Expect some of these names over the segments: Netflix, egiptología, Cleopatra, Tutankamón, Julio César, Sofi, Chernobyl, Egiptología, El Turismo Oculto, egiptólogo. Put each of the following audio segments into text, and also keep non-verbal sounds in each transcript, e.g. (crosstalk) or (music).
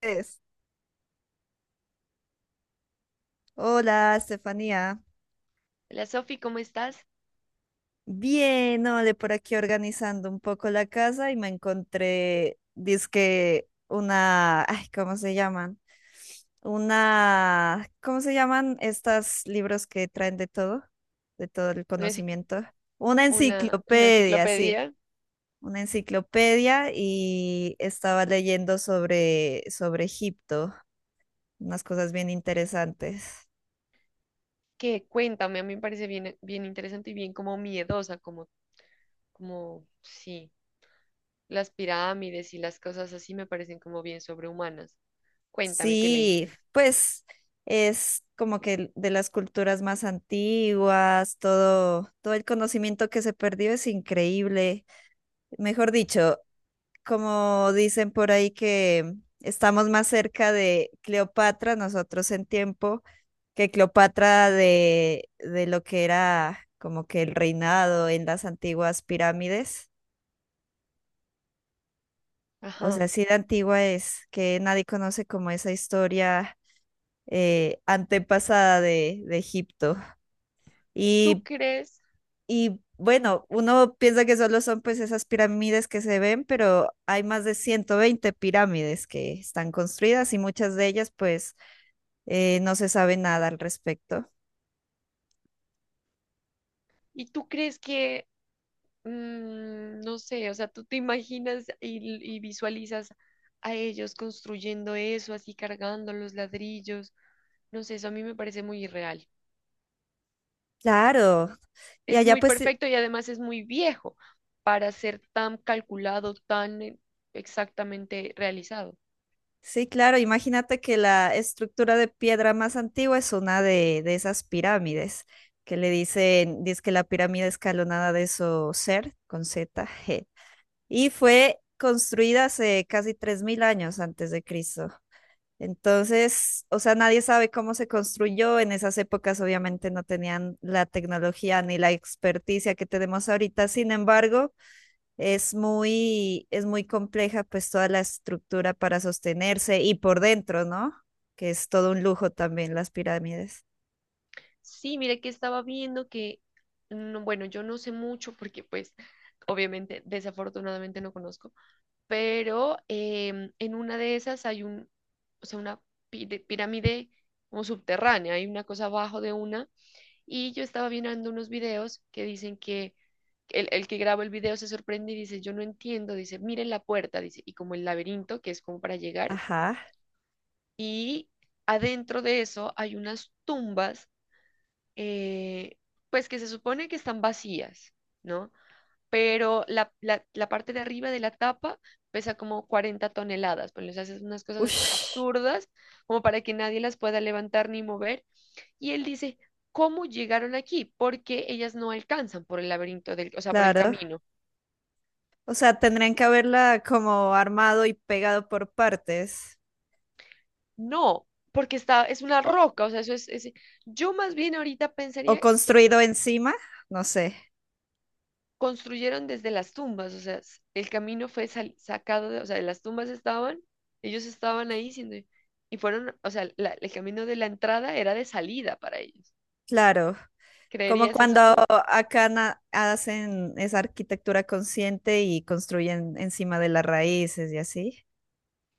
Es. Hola, Estefanía. Hola Sofi, ¿cómo estás? Bien, ole, por aquí organizando un poco la casa y me encontré, dizque una, ay, ¿cómo se llaman? Una, ¿cómo se llaman estos libros que traen de todo el Una, conocimiento? Una una enciclopedia, sí, enciclopedia. una enciclopedia y estaba leyendo sobre Egipto, unas cosas bien interesantes. Que Cuéntame, a mí me parece bien, bien interesante y bien como miedosa, como, como, sí, las pirámides y las cosas así me parecen como bien sobrehumanas. Cuéntame qué Sí, leíste. pues es como que de las culturas más antiguas, todo el conocimiento que se perdió es increíble. Mejor dicho, como dicen por ahí que estamos más cerca de Cleopatra, nosotros en tiempo, que Cleopatra de lo que era como que el reinado en las antiguas pirámides. O sea, Ajá. sí de antigua es, que nadie conoce como esa historia antepasada de Egipto. ¿Tú Y, crees? y bueno, uno piensa que solo son pues esas pirámides que se ven, pero hay más de 120 pirámides que están construidas y muchas de ellas pues no se sabe nada al respecto. ¿Y tú crees que, no sé? O sea, ¿tú te imaginas y, visualizas a ellos construyendo eso, así cargando los ladrillos? No sé, eso a mí me parece muy irreal. Claro. Y Es allá muy pues perfecto y además es muy viejo para ser tan calculado, tan exactamente realizado. sí, claro, imagínate que la estructura de piedra más antigua es una de esas pirámides que le dicen, dice que la pirámide escalonada de Ser con Z, G, y fue construida hace casi 3000 años antes de Cristo. Entonces, o sea, nadie sabe cómo se construyó. En esas épocas obviamente no tenían la tecnología ni la experticia que tenemos ahorita. Sin embargo, es muy compleja pues toda la estructura para sostenerse y por dentro, ¿no? Que es todo un lujo también las pirámides. Sí, mire que estaba viendo que, no, bueno, yo no sé mucho porque pues obviamente desafortunadamente no conozco, pero en una de esas hay un, o sea, una pirámide como subterránea, hay una cosa abajo de una. Y yo estaba mirando unos videos que dicen que el que grabó el video se sorprende y dice, yo no entiendo, dice, miren la puerta, dice, y como el laberinto, que es como para llegar, Ajá. y adentro de eso hay unas tumbas, eh, pues que se supone que están vacías, ¿no? Pero la parte de arriba de la tapa pesa como 40 toneladas, pues les haces unas cosas Ush, absurdas como para que nadie las pueda levantar ni mover. Y él dice, ¿cómo llegaron aquí? Porque ellas no alcanzan por el laberinto del, o sea, por el claro. camino. O sea, tendrían que haberla como armado y pegado por partes No, porque está, es una roca, o sea, eso yo más bien ahorita o pensaría que es, construido encima, no sé. construyeron desde las tumbas, o sea, el camino fue sacado, de, o sea, las tumbas estaban, ellos estaban ahí y fueron, o sea, el camino de la entrada era de salida para ellos. Claro. Como ¿Creerías eso cuando tú? acá na- hacen esa arquitectura consciente y construyen encima de las raíces y así.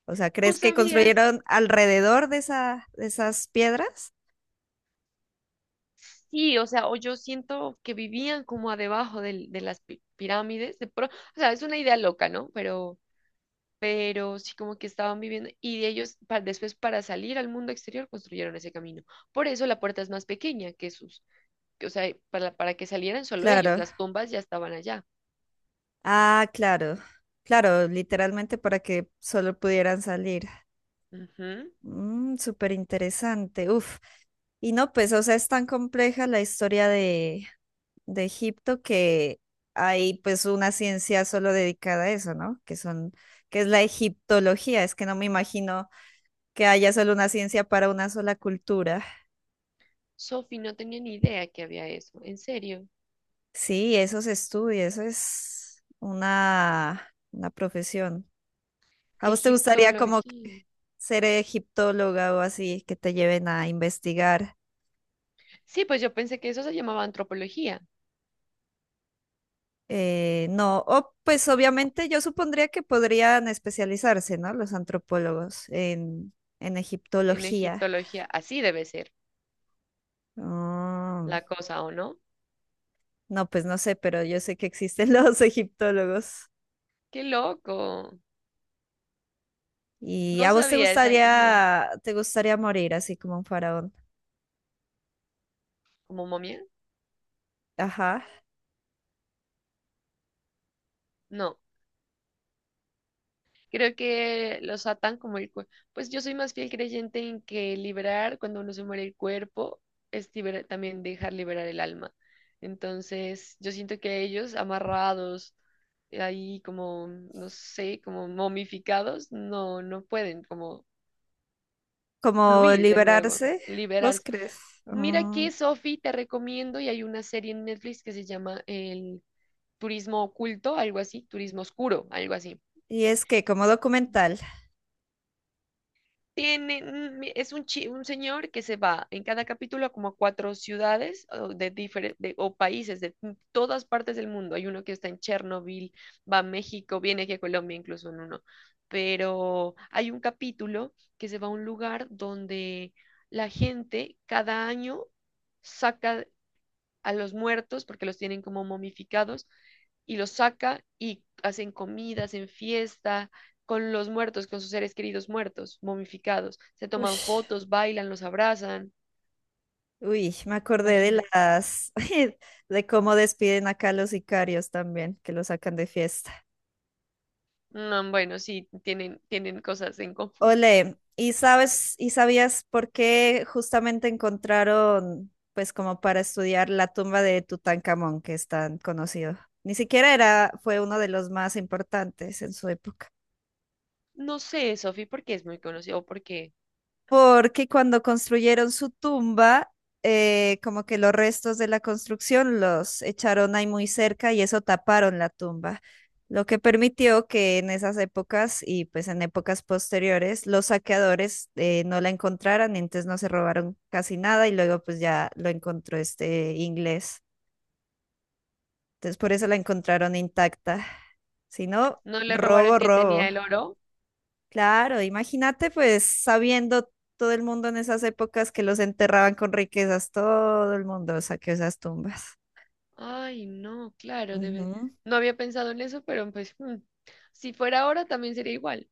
O sea, ¿Tú ¿crees que sabías? construyeron alrededor de esa, de esas piedras? Sí, o sea, o yo siento que vivían como a debajo de las pirámides, o sea, es una idea loca, ¿no? Pero sí, como que estaban viviendo y de ellos después, para salir al mundo exterior construyeron ese camino. Por eso la puerta es más pequeña que sus, o sea, para que salieran solo ellos; Claro. las tumbas ya estaban allá. Ah, claro. Claro, literalmente para que solo pudieran salir. Ujú. Mm, súper interesante. Uf. Y no, pues, o sea, es tan compleja la historia de Egipto que hay pues una ciencia solo dedicada a eso, ¿no? Que son, que es la egiptología. Es que no me imagino que haya solo una ciencia para una sola cultura. Sophie, no tenía ni idea que había eso, en serio. Sí, eso se estudia, eso es una profesión. ¿A vos te gustaría como que Egiptología. ser egiptóloga o así, que te lleven a investigar? Sí, pues yo pensé que eso se llamaba antropología. No, o pues obviamente yo supondría que podrían especializarse, ¿no? Los antropólogos en En egiptología. egiptología, así debe ser Ah, la cosa, ¿o no? no, pues no sé, pero yo sé que existen (laughs) los egiptólogos. ¡Qué loco! ¿Y No a vos sabía, es algo nuevo. Te gustaría morir así como un faraón? ¿Como momia? Ajá. No. Creo que los atan como el cuerpo. Pues yo soy más fiel creyente en que liberar cuando uno se muere el cuerpo es también dejar liberar el alma. Entonces, yo siento que ellos amarrados ahí como, no sé, como momificados, no, no pueden como Como fluir de nuevo, liberarse, ¿vos liberarse. crees? Mira Ah, que, Sofi, te recomiendo y hay una serie en Netflix que se llama El Turismo Oculto, algo así, Turismo Oscuro, algo así. y es que como documental. Tiene, es un, un señor que se va en cada capítulo a como a cuatro ciudades o, de o países de todas partes del mundo. Hay uno que está en Chernobyl, va a México, viene aquí a Colombia, incluso en uno. Pero hay un capítulo que se va a un lugar donde la gente cada año saca a los muertos, porque los tienen como momificados, y los saca y hacen comida, hacen fiesta con los muertos, con sus seres queridos muertos, momificados. Se toman Ush, fotos, bailan, los abrazan. uy, me acordé de Imagínate. las (laughs) de cómo despiden acá a los sicarios también, que los sacan de fiesta. No, bueno, sí, tienen, tienen cosas en común. Ole, ¿y sabes y sabías por qué justamente encontraron pues como para estudiar la tumba de Tutankamón, que es tan conocido? Ni siquiera era fue uno de los más importantes en su época. No sé, Sofi, por qué es muy conocido, o porque Porque cuando construyeron su tumba, como que los restos de la construcción los echaron ahí muy cerca y eso taparon la tumba, lo que permitió que en esas épocas y pues en épocas posteriores los saqueadores no la encontraran, entonces no se robaron casi nada y luego pues ya lo encontró este inglés. Entonces por eso la encontraron intacta. Si no, no le robaron, robo, que tenía robo. el oro. Claro, imagínate pues sabiendo todo el mundo en esas épocas que los enterraban con riquezas, todo el mundo saqueó esas tumbas. Ay, no, claro, debe. Ujú. No había pensado en eso, pero pues, si fuera ahora también sería igual.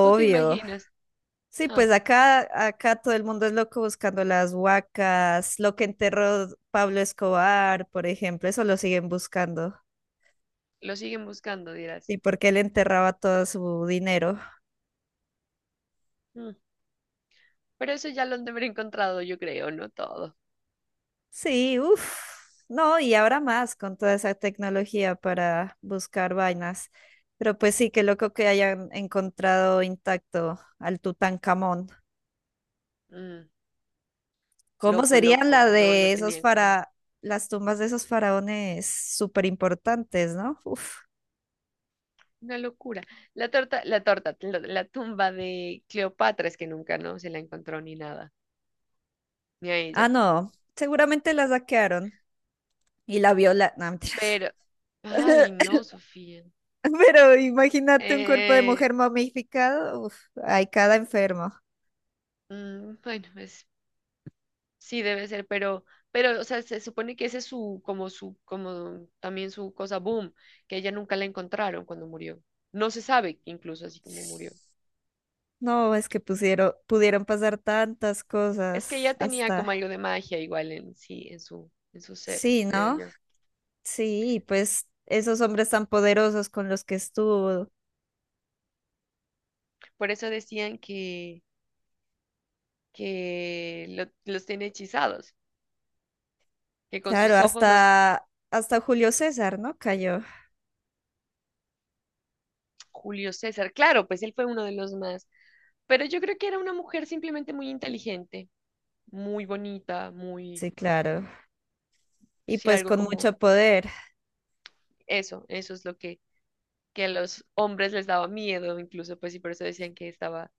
Tú te imaginas. Sí, Ah, pues acá todo el mundo es loco buscando las huacas, lo que enterró Pablo Escobar, por ejemplo, eso lo siguen buscando. lo siguen buscando, dirás. ¿Y porque él enterraba todo su dinero? Mm, Pero eso ya lo han de haber encontrado, yo creo, no todo. Sí, uff, no, y ahora más con toda esa tecnología para buscar vainas. Pero pues sí, qué loco que hayan encontrado intacto al Tutankamón. Mm, ¿Cómo loco, serían la loco. No, no de esos tenía como para las tumbas de esos faraones súper importantes, ¿no? Uf. una locura. La tumba de Cleopatra es que nunca no se la encontró ni nada, ni a Ah, ella. no, seguramente la saquearon y la viola. No, mentiras. Pero, ay, (laughs) no, Sofía. Pero imagínate un cuerpo de Eh, mujer momificado. Uf, hay cada enfermo. Bueno, es, sí debe ser, pero, o sea, se supone que ese es su, como también su cosa boom, que ella nunca la encontraron cuando murió. No se sabe incluso así como murió. No, es que pusieron, pudieron pasar tantas Es que cosas ya tenía como hasta... algo de magia igual en sí, en su ser, Sí, creo ¿no? yo. Sí, pues esos hombres tan poderosos con los que estuvo. Por eso decían que los tiene hechizados, que con Claro, sus ojos los... hasta Julio César, ¿no? Cayó. Julio César, claro, pues él fue uno de los más, pero yo creo que era una mujer simplemente muy inteligente, muy bonita, muy, Sí, claro. Y sí, pues algo con como mucho poder. eso es lo que a los hombres les daba miedo incluso, pues y por eso decían que estaba,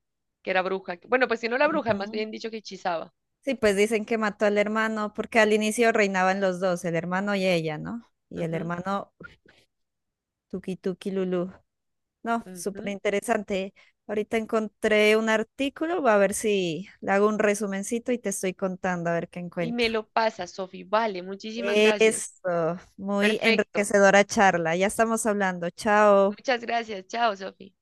que era bruja. Bueno, pues si no era bruja, más Ujú. bien dicho que hechizaba. Sí, pues dicen que mató al hermano, porque al inicio reinaban los dos, el hermano y ella, ¿no? Y el Ujú, hermano Tuki Tuki Lulú. No, súper ujú. interesante. Ahorita encontré un artículo, va a ver si le hago un resumencito y te estoy contando a ver qué Y encuentro. me lo pasa, Sofi. Vale, muchísimas gracias. Eso, muy Perfecto. enriquecedora charla. Ya estamos hablando. Chao. Muchas gracias. Chao, Sofi.